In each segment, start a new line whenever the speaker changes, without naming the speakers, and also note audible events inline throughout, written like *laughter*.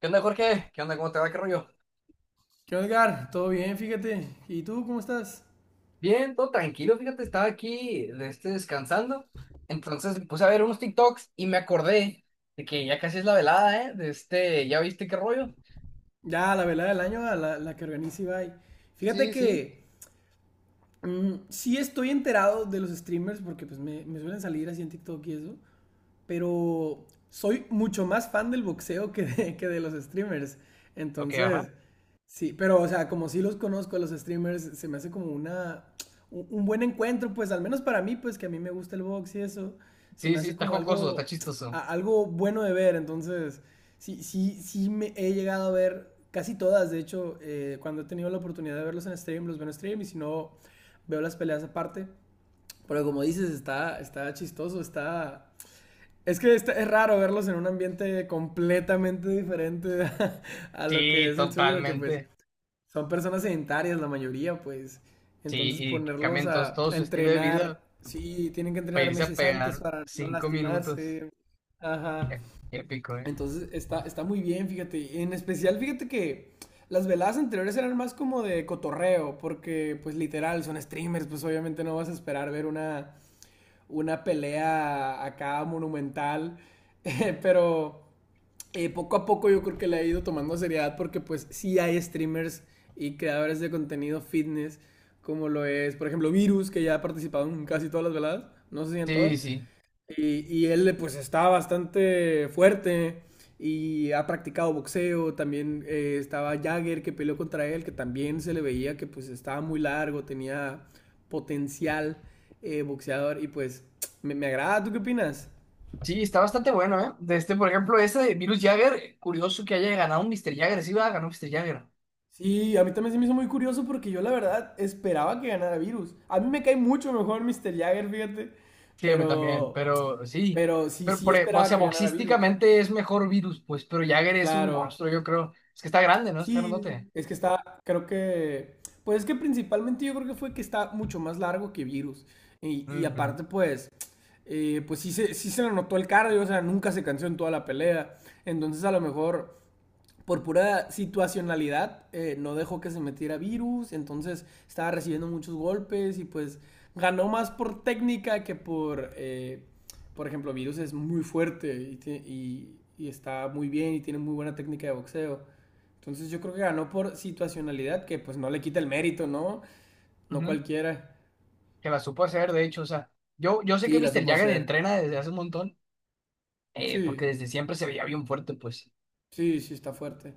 ¿Qué onda, Jorge? ¿Qué onda? ¿Cómo te va? ¿Qué rollo?
¿Qué onda, Edgar? Todo bien, fíjate. ¿Y tú cómo estás?
Bien, todo tranquilo, fíjate, estaba aquí descansando. Entonces me puse a ver unos TikToks y me acordé de que ya casi es la velada, ¿eh? ¿Ya viste qué rollo?
Ya, la velada del año, a la que organiza Ibai. Fíjate
Sí, sí.
que sí estoy enterado de los streamers porque pues me suelen salir así en TikTok y eso. Pero soy mucho más fan del boxeo que de los streamers.
Ok, ajá.
Entonces, sí, pero o sea, como sí los conozco a los streamers, se me hace como un buen encuentro, pues al menos para mí, pues que a mí me gusta el box y eso, se
Sí,
me
sí,
hace
está
como
jocoso, está
algo,
chistoso.
algo bueno de ver. Entonces, sí, me he llegado a ver casi todas, de hecho, cuando he tenido la oportunidad de verlos en stream, los veo en stream y si no, veo las peleas aparte. Pero como dices, está chistoso, está es que está- es raro verlos en un ambiente completamente diferente *laughs* a lo que
Sí,
es el suyo, que pues
totalmente.
son personas sedentarias la mayoría, pues.
Sí,
Entonces
y que
ponerlos
cambien
a,
todo
a
su estilo de vida
entrenar, sí, tienen que
para
entrenar
irse a
meses antes
pegar
para no
cinco minutos.
lastimarse. Ajá.
Eh, Épico, ¿eh?
Entonces está muy bien, fíjate. Y en especial, fíjate que las veladas anteriores eran más como de cotorreo, porque pues literal, son streamers, pues obviamente no vas a esperar ver una pelea acá monumental, *laughs* pero poco a poco yo creo que le ha ido tomando seriedad porque pues sí hay streamers y creadores de contenido fitness como lo es, por ejemplo, Virus, que ya ha participado en casi todas las veladas, no sé si en todas,
Sí, sí.
y él pues está bastante fuerte y ha practicado boxeo, también estaba Jagger que peleó contra él, que también se le veía que pues estaba muy largo, tenía potencial boxeador y pues me agrada. ¿Tú qué opinas?
Sí, está bastante bueno, ¿eh? De este, por ejemplo, ese de Virus Jagger, curioso que haya ganado un Mr. Jagger, sí, va, ganó Mr. Jagger.
Sí, a mí también se me hizo muy curioso porque yo la verdad esperaba que ganara Virus. A mí me cae mucho mejor Mr. Jagger, fíjate,
Sígueme también,
pero,
pero sí.
pero sí,
Pero,
sí
o
esperaba
sea,
que ganara Virus.
boxísticamente es mejor Virus, pues, pero Jagger es un
Claro.
monstruo, yo creo. Es que está grande, ¿no? Está grandote.
Sí, es que está, creo que, pues es que principalmente yo creo que fue que está mucho más largo que Virus. Y
Ujú,
aparte, pues, pues sí se le notó el cardio, o sea, nunca se cansó en toda la pelea. Entonces, a lo mejor, por pura situacionalidad, no dejó que se metiera virus, entonces estaba recibiendo muchos golpes y pues ganó más por técnica que por, por ejemplo, virus es muy fuerte y está muy bien y tiene muy buena técnica de boxeo. Entonces yo creo que ganó por situacionalidad, que pues no le quita el mérito, ¿no? No
ujú.
cualquiera.
Que la supo hacer, de hecho, o sea, yo sé que
Sí, la
Mr.
supo
Jagger
hacer.
entrena desde hace un montón,
Sí,
porque desde siempre se veía bien fuerte, pues.
sí, sí, está fuerte.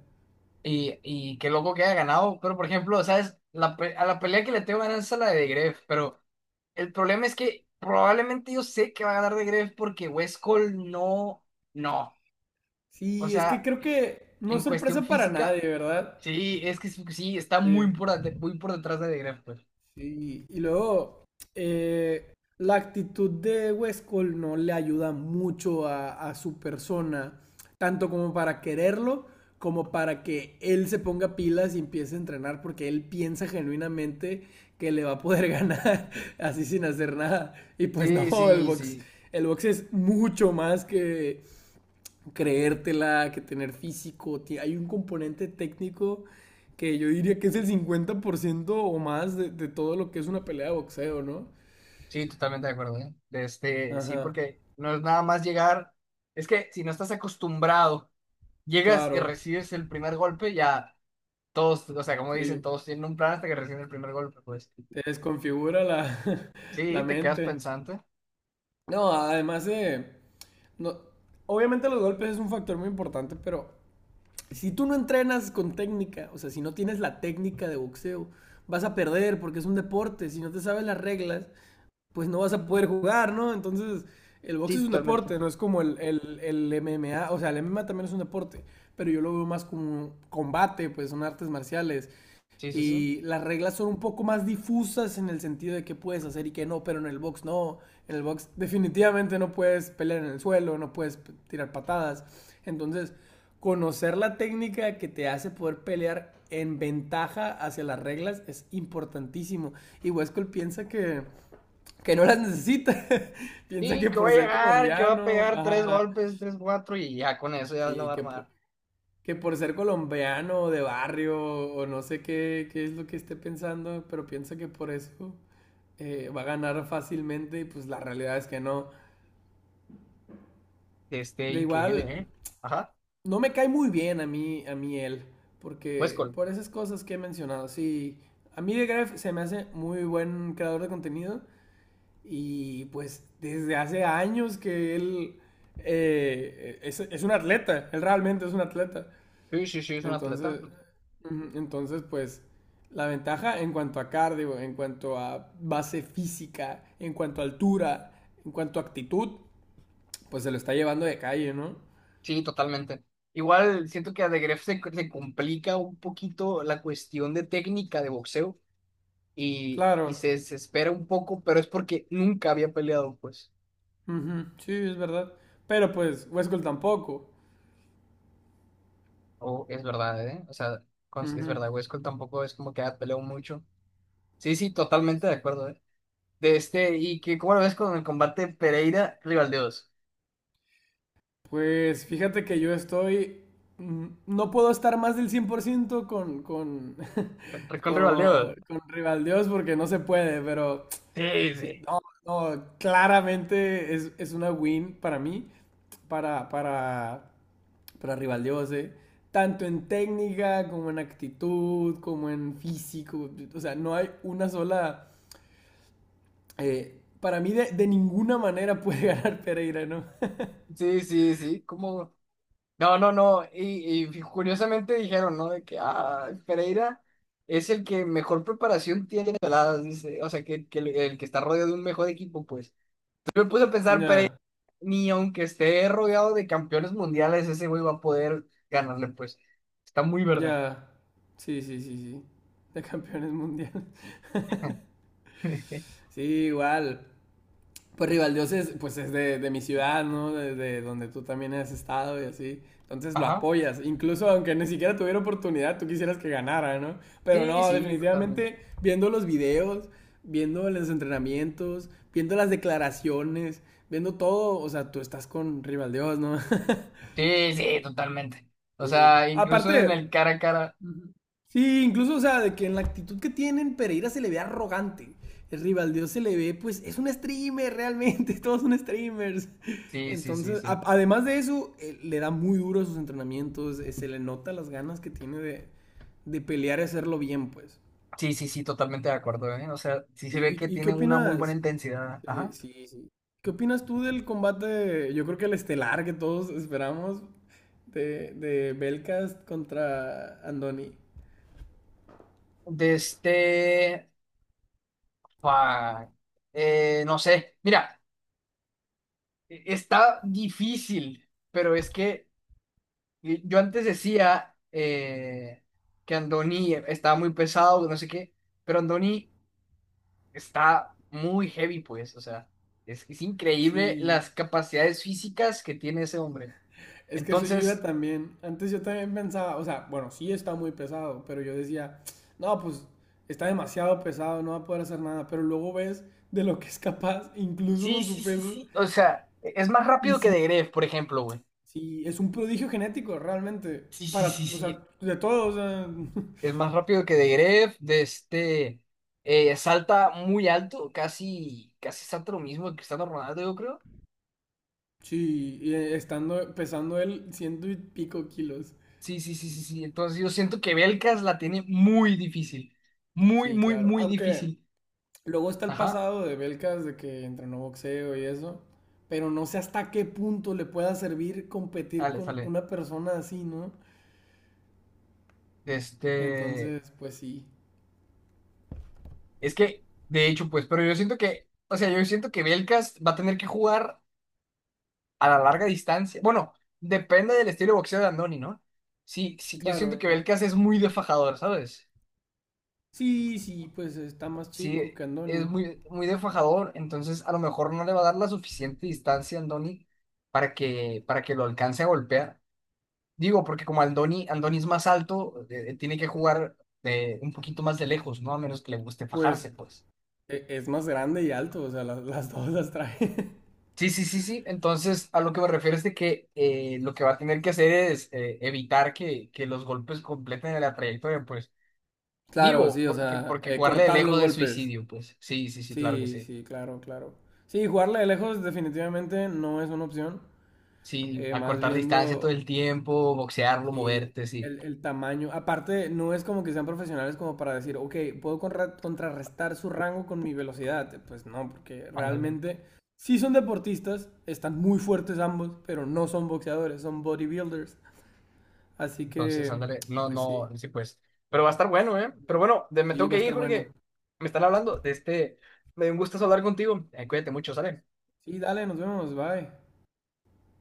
Y qué loco que haya ganado, pero, por ejemplo, ¿sabes? A la pelea que le tengo ganas es a la de Gref, pero. El problema es que probablemente yo sé que va a ganar de Greff porque West Cole no, no. O
Sí, es que
sea,
creo que no
en
es
cuestión
sorpresa para
física,
nadie, ¿verdad?
sí, es que sí, está
Sí.
muy por detrás de Greff, pues.
Sí, y luego la actitud de Westcol no le ayuda mucho a su persona, tanto como para quererlo, como para que él se ponga pilas y empiece a entrenar, porque él piensa genuinamente que le va a poder *laughs* ganar así sin hacer nada. Y pues
Sí,
no,
sí, sí.
el box es mucho más que creértela, que tener físico. Hay un componente técnico que yo diría que es el 50% o más de todo lo que es una pelea de boxeo, ¿no?
Sí, totalmente de acuerdo, ¿eh? De este, sí,
Ajá,
porque no es nada más llegar. Es que si no estás acostumbrado, llegas y
claro,
recibes el primer golpe, ya todos, o sea, como dicen,
sí.
todos tienen un plan hasta que reciben el primer golpe, pues.
Te desconfigura la, *laughs* la
Sí, te quedas
mente.
pensante.
No, además de... No, obviamente los golpes es un factor muy importante, pero si tú no entrenas con técnica, o sea, si no tienes la técnica de boxeo, vas a perder porque es un deporte. Si no te sabes las reglas, pues no vas a poder jugar, ¿no? Entonces, el box
Sí,
es un
totalmente.
deporte, no es como el MMA, o sea, el MMA también es un deporte, pero yo lo veo más como un combate, pues son artes marciales
Sí, sí, sí.
y las reglas son un poco más difusas en el sentido de qué puedes hacer y qué no, pero en el box no, en el box definitivamente no puedes pelear en el suelo, no puedes tirar patadas, entonces conocer la técnica que te hace poder pelear en ventaja hacia las reglas es importantísimo. Y Wescol piensa que no las necesita. *laughs*
Sí,
Piensa que
que va
por
a
ser
llegar, que va a
colombiano,
pegar tres
ajá,
golpes, tres, cuatro, y ya con eso ya la va
sí,
a armar.
que por ser colombiano de barrio o no sé qué, qué es lo que esté pensando, pero piensa que por eso va a ganar fácilmente y pues la realidad es que no.
Este,
De
increíble,
igual,
¿eh? Ajá.
no me cae muy bien a mí él, porque
Westcol.
por esas cosas que he mencionado, sí, a mí de Gref se me hace muy buen creador de contenido, y pues desde hace años que él es un atleta, él realmente es un atleta.
Sí, sí, sí, es un atleta.
Entonces, ujú, entonces pues la ventaja en cuanto a cardio, en cuanto a base física, en cuanto a altura, en cuanto a actitud, pues se lo está llevando de calle, ¿no?
Sí, totalmente. Igual siento que a De Gref se complica un poquito la cuestión de técnica de boxeo y
Claro,
se desespera un poco, pero es porque nunca había peleado, pues.
ujú, sí, es verdad. Pero pues Westcott tampoco.
Oh, es verdad, ¿eh? O sea, es
Ujú.
verdad, Westcol tampoco es como que haya peleado mucho. Sí, sí, totalmente de acuerdo, ¿eh? De este, y que, ¿cómo lo ves con el combate Pereira-Rivaldeos?
Pues fíjate que yo estoy, no puedo estar más del 100% *laughs*
Rincón Rivaldeo.
con Rivaldiós porque no se puede, pero
Sí,
sí,
sí.
no, no, claramente es una win para mí, para, para, para Rivaldiós, tanto en técnica como en actitud, como en físico, o sea, no hay una sola, para mí de ninguna manera puede *laughs* ganar Pereira, ¿no? *laughs*
Sí, sí, sí. Como. No, no, no. Y curiosamente dijeron, ¿no? De que ah, Pereira es el que mejor preparación tiene las dice. O sea, que el que está rodeado de un mejor equipo, pues. Yo me puse a pensar, Pereira,
Ya.
ni aunque esté rodeado de campeones mundiales, ese güey va a poder ganarle, pues. Está muy verde.
Ya. Sí, sí, sí, sí. De campeones mundiales. *laughs*
*laughs*
Sí, igual. Pues Rivaldios es, pues es de mi ciudad, ¿no? Desde donde tú también has estado y así. Entonces lo
Ajá.
apoyas. Incluso aunque ni siquiera tuviera oportunidad, tú quisieras que ganara, ¿no? Pero
Sí,
no,
sí,
definitivamente
totalmente.
viendo los videos, viendo los entrenamientos, viendo las declaraciones, viendo todo, o sea, tú estás con Rivaldios, ¿no? *laughs*
Sí, sí, totalmente. O
Sí.
sea, incluso en el
Aparte,
cara a cara.
ujú. Sí, incluso, o sea, de que en la actitud que tienen, Pereira se le ve arrogante. El Rivaldo se le ve, pues, es un streamer realmente, *laughs* todos son streamers.
Sí, sí, sí,
Entonces,
sí.
además de eso, le da muy duro a sus entrenamientos, se le nota las ganas que tiene de pelear y hacerlo bien, pues.
Sí, sí, sí, totalmente de acuerdo, ¿eh? O sea, sí se
Sí,
ve que
¿y, y qué
tiene una muy buena
opinas?
intensidad.
Sí,
Ajá.
sí, sí. ¿Qué opinas tú del combate, yo creo que el estelar que todos esperamos, de Belcast contra Andoni?
De este... fa- no sé. Mira, está difícil, pero es que yo antes decía que Andoni estaba muy pesado, no sé qué, pero Andoni está muy heavy, pues. O sea, es increíble las
Sí.
capacidades físicas que tiene ese hombre.
Es que eso yo iba
Entonces,
también. Antes yo también pensaba, o sea, bueno, sí está muy pesado, pero yo decía, no, pues está demasiado pesado, no va a poder hacer nada. Pero luego ves de lo que es capaz, incluso
sí,
con su
sí, sí,
peso.
sí. O sea, es más
Y
rápido que
sí,
De Gref, por ejemplo, güey.
sí, es un prodigio genético, realmente.
Sí, sí, sí,
Para, o sea,
sí.
de todos, o sea,
Es
*laughs*
más rápido que de Gref, de este salta muy alto, casi, casi salta lo mismo que Cristiano Ronaldo, yo creo.
sí, y, estando pesando él ciento y pico kilos.
Sí, sí, sí, sí, sí. Entonces yo siento que Belkas la tiene muy difícil. Muy,
Sí,
muy,
claro.
muy
Aunque
difícil.
luego está el
Ajá.
pasado de Belkas de que entrenó boxeo y eso, pero no sé hasta qué punto le pueda servir competir
Dale,
con
sale.
una persona así, ¿no?
Este.
Entonces, pues sí,
Es que, de hecho, pues, pero yo siento que, o sea, yo siento que Belkas va a tener que jugar a la larga distancia. Bueno, depende del estilo de boxeo de Andoni, ¿no? Sí, sí, yo siento que
claro.
Belkas es muy defajador, ¿sabes?
Sí, sí, pues está más
Sí,
chico que
es
Andoni.
muy, muy de fajador, entonces a lo mejor no le va a dar la suficiente distancia a Andoni para que lo alcance a golpear. Digo, porque como Andoni es más alto, tiene que jugar un poquito más de lejos, ¿no? A menos que le guste
Pues
fajarse, pues.
es más grande y alto, o sea, las dos las trae. *laughs*
Sí, sí, sí, sí. Entonces, a lo que me refiero es de que lo que va a tener que hacer es evitar que los golpes completen la trayectoria, pues.
Claro,
Digo,
sí, o sea,
porque jugarle de
cortar los
lejos es
golpes.
suicidio, pues. Sí, sí, sí, claro que
Sí,
sí.
sí, claro, claro. Sí, jugarle de lejos definitivamente no es una opción.
Sí,
Más
acortar distancia todo
viendo
el tiempo, boxearlo,
sí,
moverte, sí.
el tamaño. Aparte, no es como que sean profesionales como para decir, ok, puedo contrarrestar su rango con mi velocidad. Pues no, porque
Ándale.
realmente sí son deportistas, están muy fuertes ambos, pero no son boxeadores, son bodybuilders. Así
Entonces,
que,
ándale. No,
pues sí,
no, sí, pues. Pero va a estar bueno, ¿eh? Pero bueno, me
sí,
tengo
va a
que ir,
estar bueno.
Jorge. Me están hablando de este. Me dio un gusto hablar contigo. Cuídate mucho, ¿sale?
Sí, dale, nos vemos, bye.